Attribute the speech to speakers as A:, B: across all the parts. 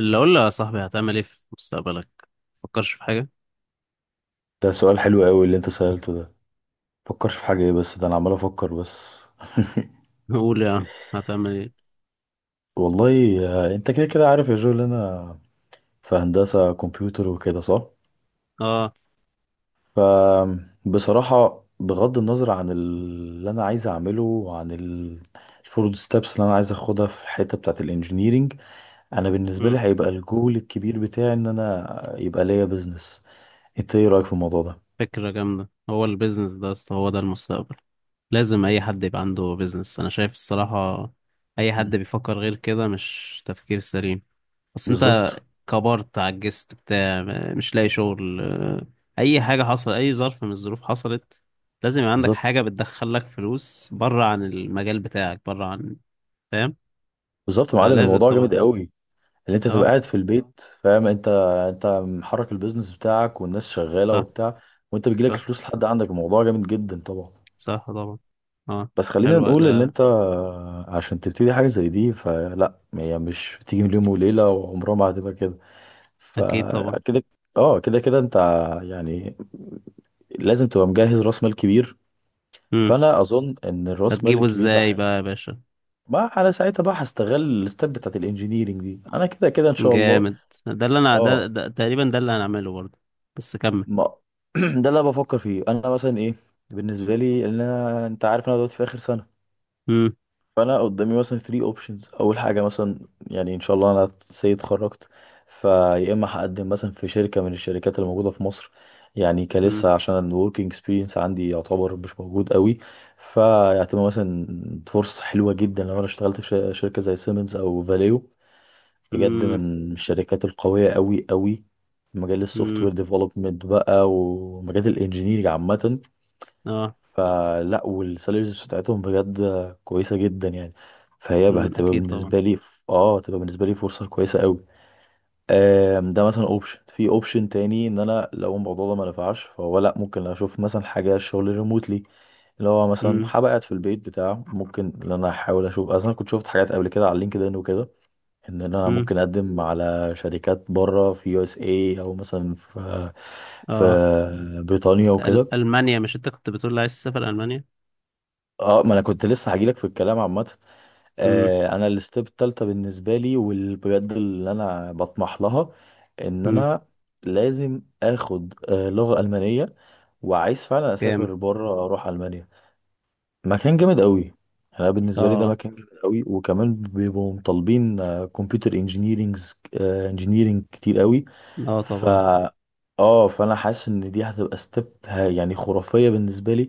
A: اللي اقول له يا صاحبي، هتعمل ايه في مستقبلك؟ مفكرش في حاجه.
B: ده سؤال حلو قوي اللي انت سألته ده. فكرش في حاجة ايه؟ بس ده انا عمال افكر بس.
A: قول يا عم هتعمل ايه؟
B: والله. انت كده كده عارف يا جو اللي انا في هندسة كمبيوتر وكده، صح؟
A: اه.
B: فبصراحة بغض النظر عن اللي انا عايز اعمله وعن الفروض ستابس اللي انا عايز اخدها في الحتة بتاعة الانجينيرينج، انا بالنسبة
A: مم.
B: لي هيبقى الجول الكبير بتاعي ان انا يبقى ليا بيزنس. انت ايه رأيك في الموضوع ده؟
A: فكره جامده. هو البيزنس ده يا اسطى، هو ده المستقبل. لازم اي حد يبقى عنده بيزنس، انا شايف الصراحه. اي حد
B: مم.
A: بيفكر غير كده مش تفكير سليم. بس انت
B: بالظبط.
A: كبرت، عجزت، بتاع، مش لاقي شغل، اي حاجه حصل، اي ظرف من الظروف حصلت، لازم يبقى عندك
B: بالظبط،
A: حاجه بتدخلك فلوس، بره عن المجال بتاعك، بره عن... فاهم؟
B: بالظبط يا معلم،
A: فلازم
B: الموضوع
A: طبعا.
B: جامد قوي. اللي انت تبقى
A: اه.
B: قاعد في البيت، فاهم انت؟ انت محرك البيزنس بتاعك والناس شغاله
A: صح.
B: وبتاع، وانت بيجيلك
A: صح.
B: الفلوس لحد عندك. الموضوع جامد جدا طبعا.
A: صح طبعا. اه.
B: بس خلينا
A: حلو
B: نقول ان
A: ده.
B: انت عشان تبتدي حاجه زي دي، فلا هي مش بتيجي من يوم وليله، وعمرها ما هتبقى كده.
A: اكيد طبعا.
B: فكده، اه كده كده انت يعني لازم تبقى مجهز راس مال كبير.
A: امم.
B: فانا اظن ان الراس مال
A: هتجيبه
B: الكبير ده
A: ازاي
B: حقيقي.
A: بقى يا باشا؟
B: ما انا ساعتها بقى هستغل الستep بتاعت الانجينيرنج دي، انا كده كده ان شاء الله.
A: جامد.
B: اه.
A: ده تقريبا ده اللي هنعمله برضه. بس كمل.
B: ما ده اللي أنا بفكر فيه، انا مثلا ايه بالنسبه لي؟ ان انا انت عارف انا دلوقتي في اخر سنه،
A: امم.
B: فانا قدامي مثلا 3 اوبشنز. اول حاجه مثلا، يعني ان شاء الله انا سي اتخرجت، فيا اما هقدم مثلا في شركه من الشركات اللي موجوده في مصر، يعني
A: امم.
B: كلسه عشان الوركينج اكسبيرينس عندي يعتبر مش موجود قوي. فيعتبر مثلا فرصه حلوه جدا لو انا اشتغلت في شركه زي سيمنز او فاليو، بجد
A: امم.
B: من الشركات القوية قوي قوي في مجال السوفت وير
A: امم.
B: ديفلوبمنت بقى ومجال الانجينيرنج عامة.
A: اه.
B: لا والسالاريز بتاعتهم بجد كويسة جدا يعني. فهي بقى
A: امم.
B: هتبقى
A: اكيد طبعا.
B: بالنسبة لي هتبقى بالنسبة لي فرصة كويسة قوي. ده مثلا اوبشن. في اوبشن تاني، ان انا لو الموضوع ده ما نفعش، فهو لا ممكن اشوف مثلا حاجة شغل ريموتلي، اللي هو مثلا
A: امم.
B: هبقى قاعد في البيت بتاع ممكن ان انا احاول اشوف، اصلا كنت شفت حاجات قبل كده على لينكد ان وكده، ان انا
A: امم.
B: ممكن اقدم على شركات بره في يو اس اي، او مثلا في في
A: اه.
B: بريطانيا
A: أل...
B: وكده.
A: المانيا، مش انت كنت بتقول لي عايز تسافر المانيا؟
B: اه، ما انا كنت لسه هجيلك في الكلام. عامه،
A: امم.
B: انا الستيب التالتة بالنسبه لي، والبجد اللي انا بطمح لها، ان
A: امم.
B: انا لازم اخد لغه المانيه، وعايز فعلا
A: جامد.
B: اسافر بره، اروح المانيا. مكان جامد قوي. انا بالنسبه لي ده
A: اه.
B: مكان جامد قوي، وكمان بيبقوا مطالبين كمبيوتر انجينيرينج كتير قوي.
A: اه
B: ف
A: طبعا.
B: اه، فانا حاسس ان دي هتبقى ستيب يعني خرافيه بالنسبه لي.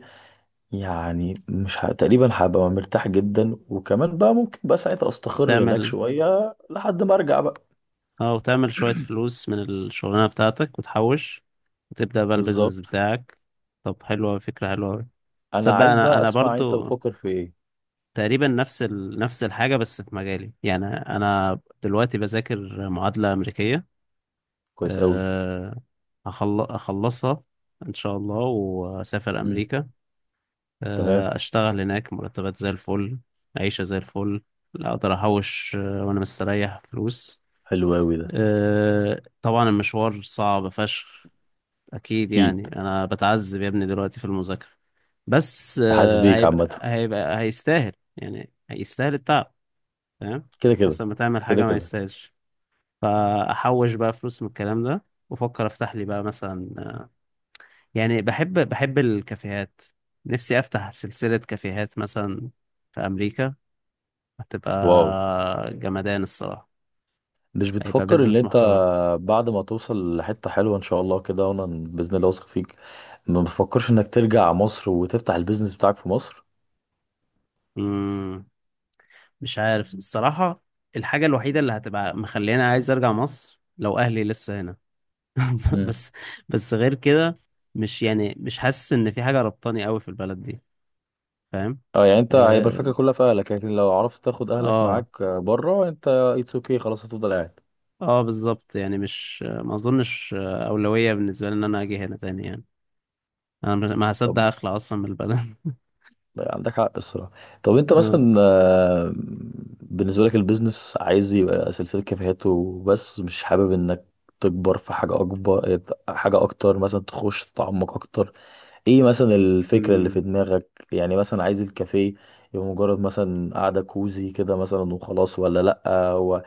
B: يعني مش ه... تقريبا هبقى مرتاح جدا، وكمان بقى ممكن بقى ساعتها استقر هناك
A: تعمل...
B: شويه لحد ما ارجع بقى.
A: اه، وتعمل شوية فلوس من الشغلانة بتاعتك وتحوش، وتبدأ بقى البيزنس
B: بالظبط.
A: بتاعك. طب حلوة، فكرة حلوة.
B: انا
A: تصدق
B: عايز
A: انا
B: بقى
A: انا
B: اسمع انت
A: برضو
B: بتفكر في ايه.
A: تقريبا نفس ال... نفس الحاجه، بس في مجالي. يعني انا دلوقتي بذاكر معادله امريكيه.
B: كويس قوي.
A: أه... أخل... اخلصها ان شاء الله، واسافر
B: امم.
A: امريكا.
B: تمام.
A: أه... اشتغل هناك، مرتبات زي الفل، عيشه زي الفل، لا، اقدر احوش وانا مستريح فلوس.
B: حلو قوي ده.
A: أه... طبعا المشوار صعب فشخ، اكيد.
B: اكيد.
A: يعني انا بتعذب يا ابني دلوقتي في المذاكره، بس
B: حاسس بيك عامه.
A: هيبقى هيستاهل، يعني هيستاهل التعب. فاهم؟
B: كده كده،
A: احسن ما تعمل
B: كده
A: حاجه ما
B: كده.
A: يستاهلش. فاحوش بقى فلوس من الكلام ده، وافكر افتح لي بقى مثلا، يعني بحب الكافيهات، نفسي افتح سلسله كافيهات مثلا في امريكا. هتبقى
B: واو.
A: جمدان الصراحه،
B: مش
A: هيبقى
B: بتفكر ان
A: بيزنس
B: انت،
A: محترم.
B: بعد ما توصل لحته حلوه ان شاء الله كده، وانا باذن الله واثق فيك، ما بتفكرش انك ترجع مصر وتفتح البيزنس بتاعك في مصر؟
A: مم. مش عارف الصراحه. الحاجه الوحيده اللي هتبقى مخليني عايز ارجع مصر، لو اهلي لسه هنا
B: امم.
A: بس. بس غير كده، مش حاسس ان في حاجة ربطاني قوي في البلد دي. فاهم؟
B: اه يعني انت هيبقى
A: اه.
B: الفكره كلها في اهلك، لكن لو عرفت تاخد اهلك
A: اه.
B: معاك بره، انت اتس اوكي خلاص، هتفضل قاعد.
A: بالظبط. يعني مش، ما اظنش أولوية بالنسبة لي ان انا اجي هنا تاني يعني. انا ما
B: طب
A: هصدق اخلع اصلا من البلد.
B: عندك حق الصراحه. طب انت
A: آه.
B: مثلا، بالنسبه لك البيزنس عايز يبقى سلسله كافيهات وبس؟ مش حابب انك تكبر في حاجه اكبر، حاجه اكتر مثلا، تخش تتعمق اكتر؟ ايه مثلا الفكرة اللي في
A: أمم،
B: دماغك؟ يعني مثلا عايز الكافيه يبقى مجرد مثلا قعدة كوزي كده مثلا وخلاص، ولا لأ؟ هو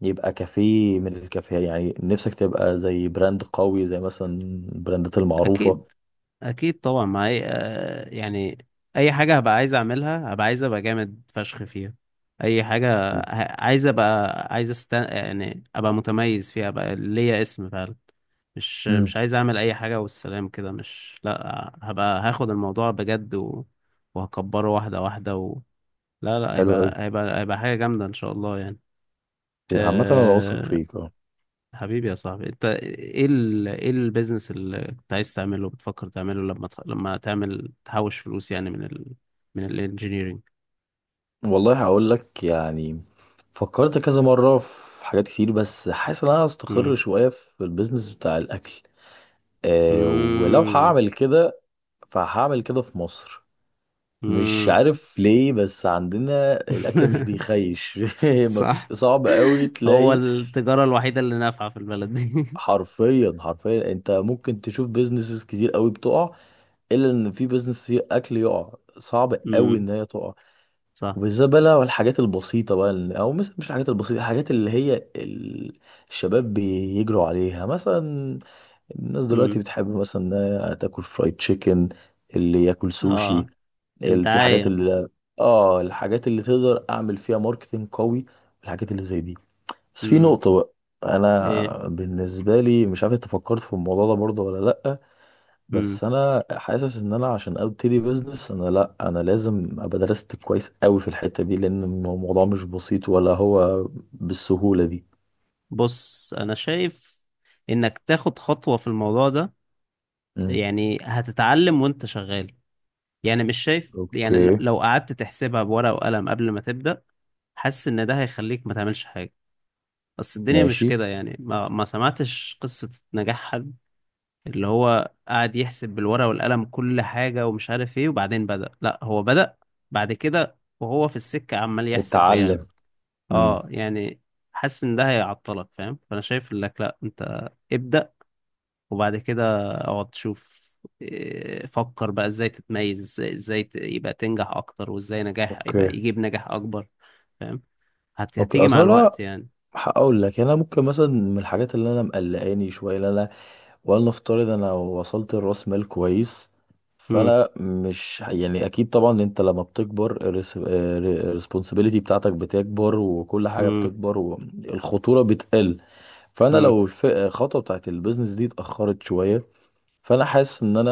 B: يبقى كافيه من الكافيه، يعني نفسك تبقى زي براند قوي زي مثلا البراندات المعروفة؟
A: اكيد. اكيد طبعا. ما أي... آه، يعني اي حاجه هبقى عايز اعملها، هبقى عايز ابقى جامد فشخ فيها. اي حاجه. عايز ابقى يعني ابقى متميز فيها، ابقى ليا اسم فعلا. مش
B: امم.
A: عايز اعمل اي حاجه والسلام كده. مش لا، هبقى هاخد الموضوع بجد، و... وهكبره واحده واحده، و... لا لا،
B: حلو قوي.
A: هيبقى حاجه جامده ان شاء الله يعني.
B: عامة انا واثق
A: آه.
B: فيك، اه.
A: حبيبي يا صاحبي، انت ايه ايه البيزنس اللي كنت عايز تعمله، بتفكر تعمله لما لما تعمل تحوش فلوس، يعني من الانجينيرينج.
B: والله هقول لك يعني، فكرت كذا مرة في حاجات كتير، بس حاسس ان انا هستقر
A: امم.
B: شوية في البيزنس بتاع الاكل. ولو
A: امم.
B: هعمل كده، فهعمل كده في مصر. مش
A: امم.
B: عارف ليه، بس عندنا الاكل مش بيخيش. مفيش،
A: صح.
B: صعب قوي
A: هو
B: تلاقي،
A: التجارة الوحيدة اللي نافعة في البلد دي.
B: حرفيا، حرفيا، انت ممكن تشوف بيزنسز كتير قوي بتقع، الا ان في بيزنس اكل يقع، صعب قوي
A: امم.
B: ان هي تقع.
A: صح.
B: وبالذات بقى لو الحاجات البسيطه بقى، او مش الحاجات البسيطه، الحاجات اللي هي، الشباب بيجروا عليها مثلا. الناس دلوقتي
A: امم.
B: بتحب مثلا انها تاكل فرايد تشيكن، اللي ياكل سوشي
A: اه.
B: ال- في حاجات
A: الدعاية.
B: اللي، اه، الحاجات اللي تقدر اعمل فيها ماركتنج قوي، الحاجات اللي زي دي. بس في
A: امم.
B: نقطة بقى.
A: ايه.
B: انا بالنسبة لي مش عارف انت فكرت في الموضوع ده برضه ولا لأ،
A: امم.
B: بس انا حاسس ان انا عشان ابتدي بزنس، انا لأ، انا لازم ابقى درست كويس قوي في الحتة دي، لان الموضوع مش بسيط ولا هو بالسهولة دي.
A: بص انا شايف انك تاخد خطوة في الموضوع ده،
B: امم.
A: يعني هتتعلم وانت شغال. يعني مش شايف، يعني
B: اوكي.
A: لو قعدت تحسبها بورقة وقلم قبل ما تبدأ، حاسس ان ده هيخليك ما تعملش حاجة. بس الدنيا مش
B: ماشي.
A: كده يعني، ما سمعتش قصة نجاح حد اللي هو قاعد يحسب بالورقة والقلم كل حاجة ومش عارف ايه، وبعدين بدأ. لا، هو بدأ بعد كده، وهو في السكة عمال يحسب ويعمل.
B: اتعلم. امم.
A: اه يعني. حاسس ان ده هيعطلك، فاهم؟ فانا شايف لك، لا، انت ابدأ وبعد كده اقعد تشوف. إيه، فكر بقى ازاي تتميز، ازاي يبقى تنجح اكتر، وازاي نجاح يبقى
B: اوكي.
A: يجيب نجاح اكبر. فاهم؟
B: اوكي،
A: هتيجي مع
B: اصلا
A: الوقت يعني.
B: هقول لك انا ممكن مثلا من الحاجات اللي انا مقلقاني شويه اللي انا، ولنفترض انا وصلت لراس مال كويس،
A: امم.
B: فانا مش يعني، اكيد طبعا انت لما بتكبر، الريسبونسابيلتي بتاعتك بتكبر، وكل حاجه
A: امم.
B: بتكبر، والخطوره بتقل. فانا
A: امم.
B: لو الخطوه بتاعت البيزنس دي اتاخرت شويه، فانا حاسس ان انا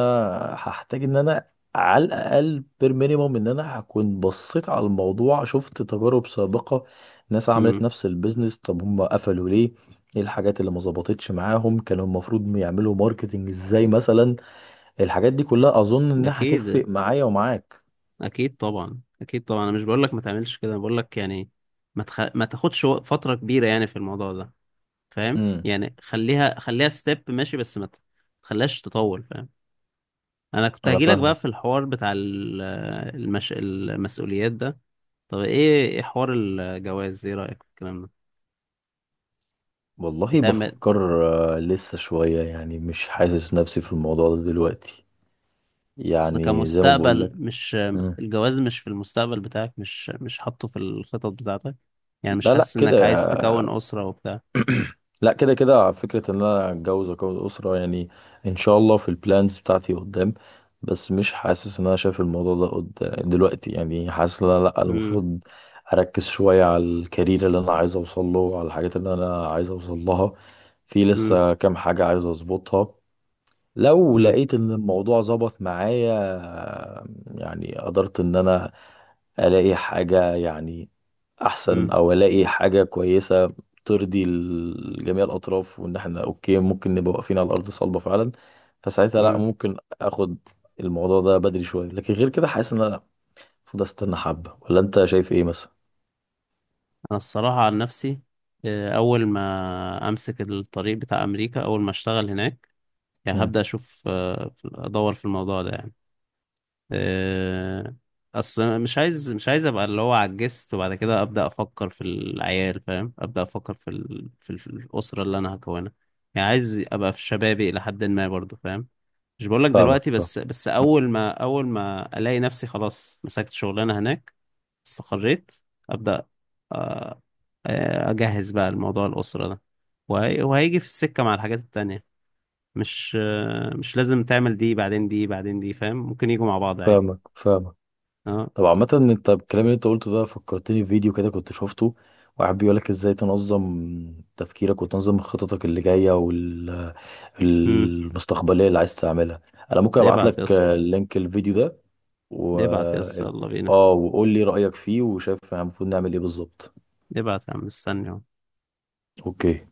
B: هحتاج ان انا، على الاقل بير مينيموم، ان انا هكون بصيت على الموضوع، شفت تجارب سابقه، ناس عملت
A: امم.
B: نفس البيزنس، طب هم قفلوا ليه، ايه الحاجات اللي ما ظبطتش معاهم، كانوا المفروض يعملوا ماركتنج ازاي مثلا. الحاجات دي كلها اظن انها
A: اكيد.
B: هتفرق معايا ومعاك.
A: اكيد طبعا. اكيد طبعا. انا مش بقول لك ما تعملش كده، انا بقول لك يعني ما ما تاخدش فترة كبيرة يعني في الموضوع ده. فاهم؟
B: امم.
A: يعني خليها ستيب ماشي، بس ما ت- تخليهاش تطول. فاهم؟ انا كنت
B: انا
A: هجيلك بقى
B: فاهمك.
A: في الحوار بتاع المسؤوليات ده. طب ايه، ايه حوار الجواز، ايه رأيك في الكلام ده؟
B: والله
A: هتعمل
B: بفكر. لسه شويه يعني، مش حاسس نفسي في الموضوع ده دلوقتي،
A: اصل
B: يعني زي ما بقول
A: كمستقبل،
B: لك.
A: مش الجواز مش في المستقبل بتاعك، مش حاطه في الخطط بتاعتك؟ يعني مش
B: لا لا
A: حاسس
B: كده،
A: انك عايز تكون أسرة وبتاع؟
B: لا كده كده، فكرة ان انا اتجوز واكون اسرة يعني ان شاء الله في البلانز بتاعتي قدام. بس مش حاسس ان انا شايف الموضوع ده قد دلوقتي، يعني حاسس ان انا لا،
A: امم.
B: المفروض اركز شوية على الكارير اللي انا عايز اوصل له، وعلى الحاجات اللي انا عايز اوصل لها. في
A: امم.
B: لسه كام حاجة عايز اظبطها. لو
A: امم.
B: لقيت ان الموضوع ظبط معايا، يعني قدرت ان انا الاقي حاجة يعني احسن،
A: امم.
B: او الاقي حاجة كويسة ترضي، جميع الاطراف، وان احنا اوكي، ممكن نبقى واقفين على الارض صلبة فعلا، فساعتها لا،
A: امم.
B: ممكن اخد الموضوع ده بدري شوية. لكن غير كده حاسس ان انا المفروض استنى حبة، ولا انت شايف ايه مثلا؟
A: انا الصراحة عن نفسي، اول ما امسك الطريق بتاع امريكا، اول ما اشتغل هناك، يعني
B: مم.
A: هبدأ اشوف، ادور في الموضوع ده يعني. آه، اصل مش عايز، ابقى اللي هو عجزت وبعد كده ابدا افكر في العيال. فاهم؟ ابدا افكر في ال... في الاسره اللي انا هكونها. يعني عايز ابقى في شبابي الى حد ما برضو. فاهم؟ مش بقولك
B: فاهمك
A: دلوقتي،
B: فاهم-
A: بس اول ما، الاقي نفسي خلاص مسكت شغلانه هناك، استقريت، ابدا. آه، اجهز بقى الموضوع الاسره ده، وهيجي في السكه مع الحاجات التانية. مش مش لازم تعمل دي بعدين، دي بعدين، دي، فاهم؟ ممكن يجوا مع بعض عادي.
B: فاهمك، فاهمك.
A: آه.
B: طب عامة انت الكلام اللي انت قلته ده فكرتني في فيديو كده كنت شفته، واحد بيقولك ازاي تنظم تفكيرك، وتنظم خططك اللي جاية
A: امم.
B: المستقبليه اللي عايز تعملها. انا ممكن ابعت
A: ابعت يا
B: لك
A: اسطى.
B: لينك الفيديو ده، و
A: ابعت يا اسطى، يلا بينا.
B: اه، وقول لي رايك فيه، وشايف المفروض نعمل ايه بالظبط.
A: ابعت يا عم، مستني أهو.
B: اوكي.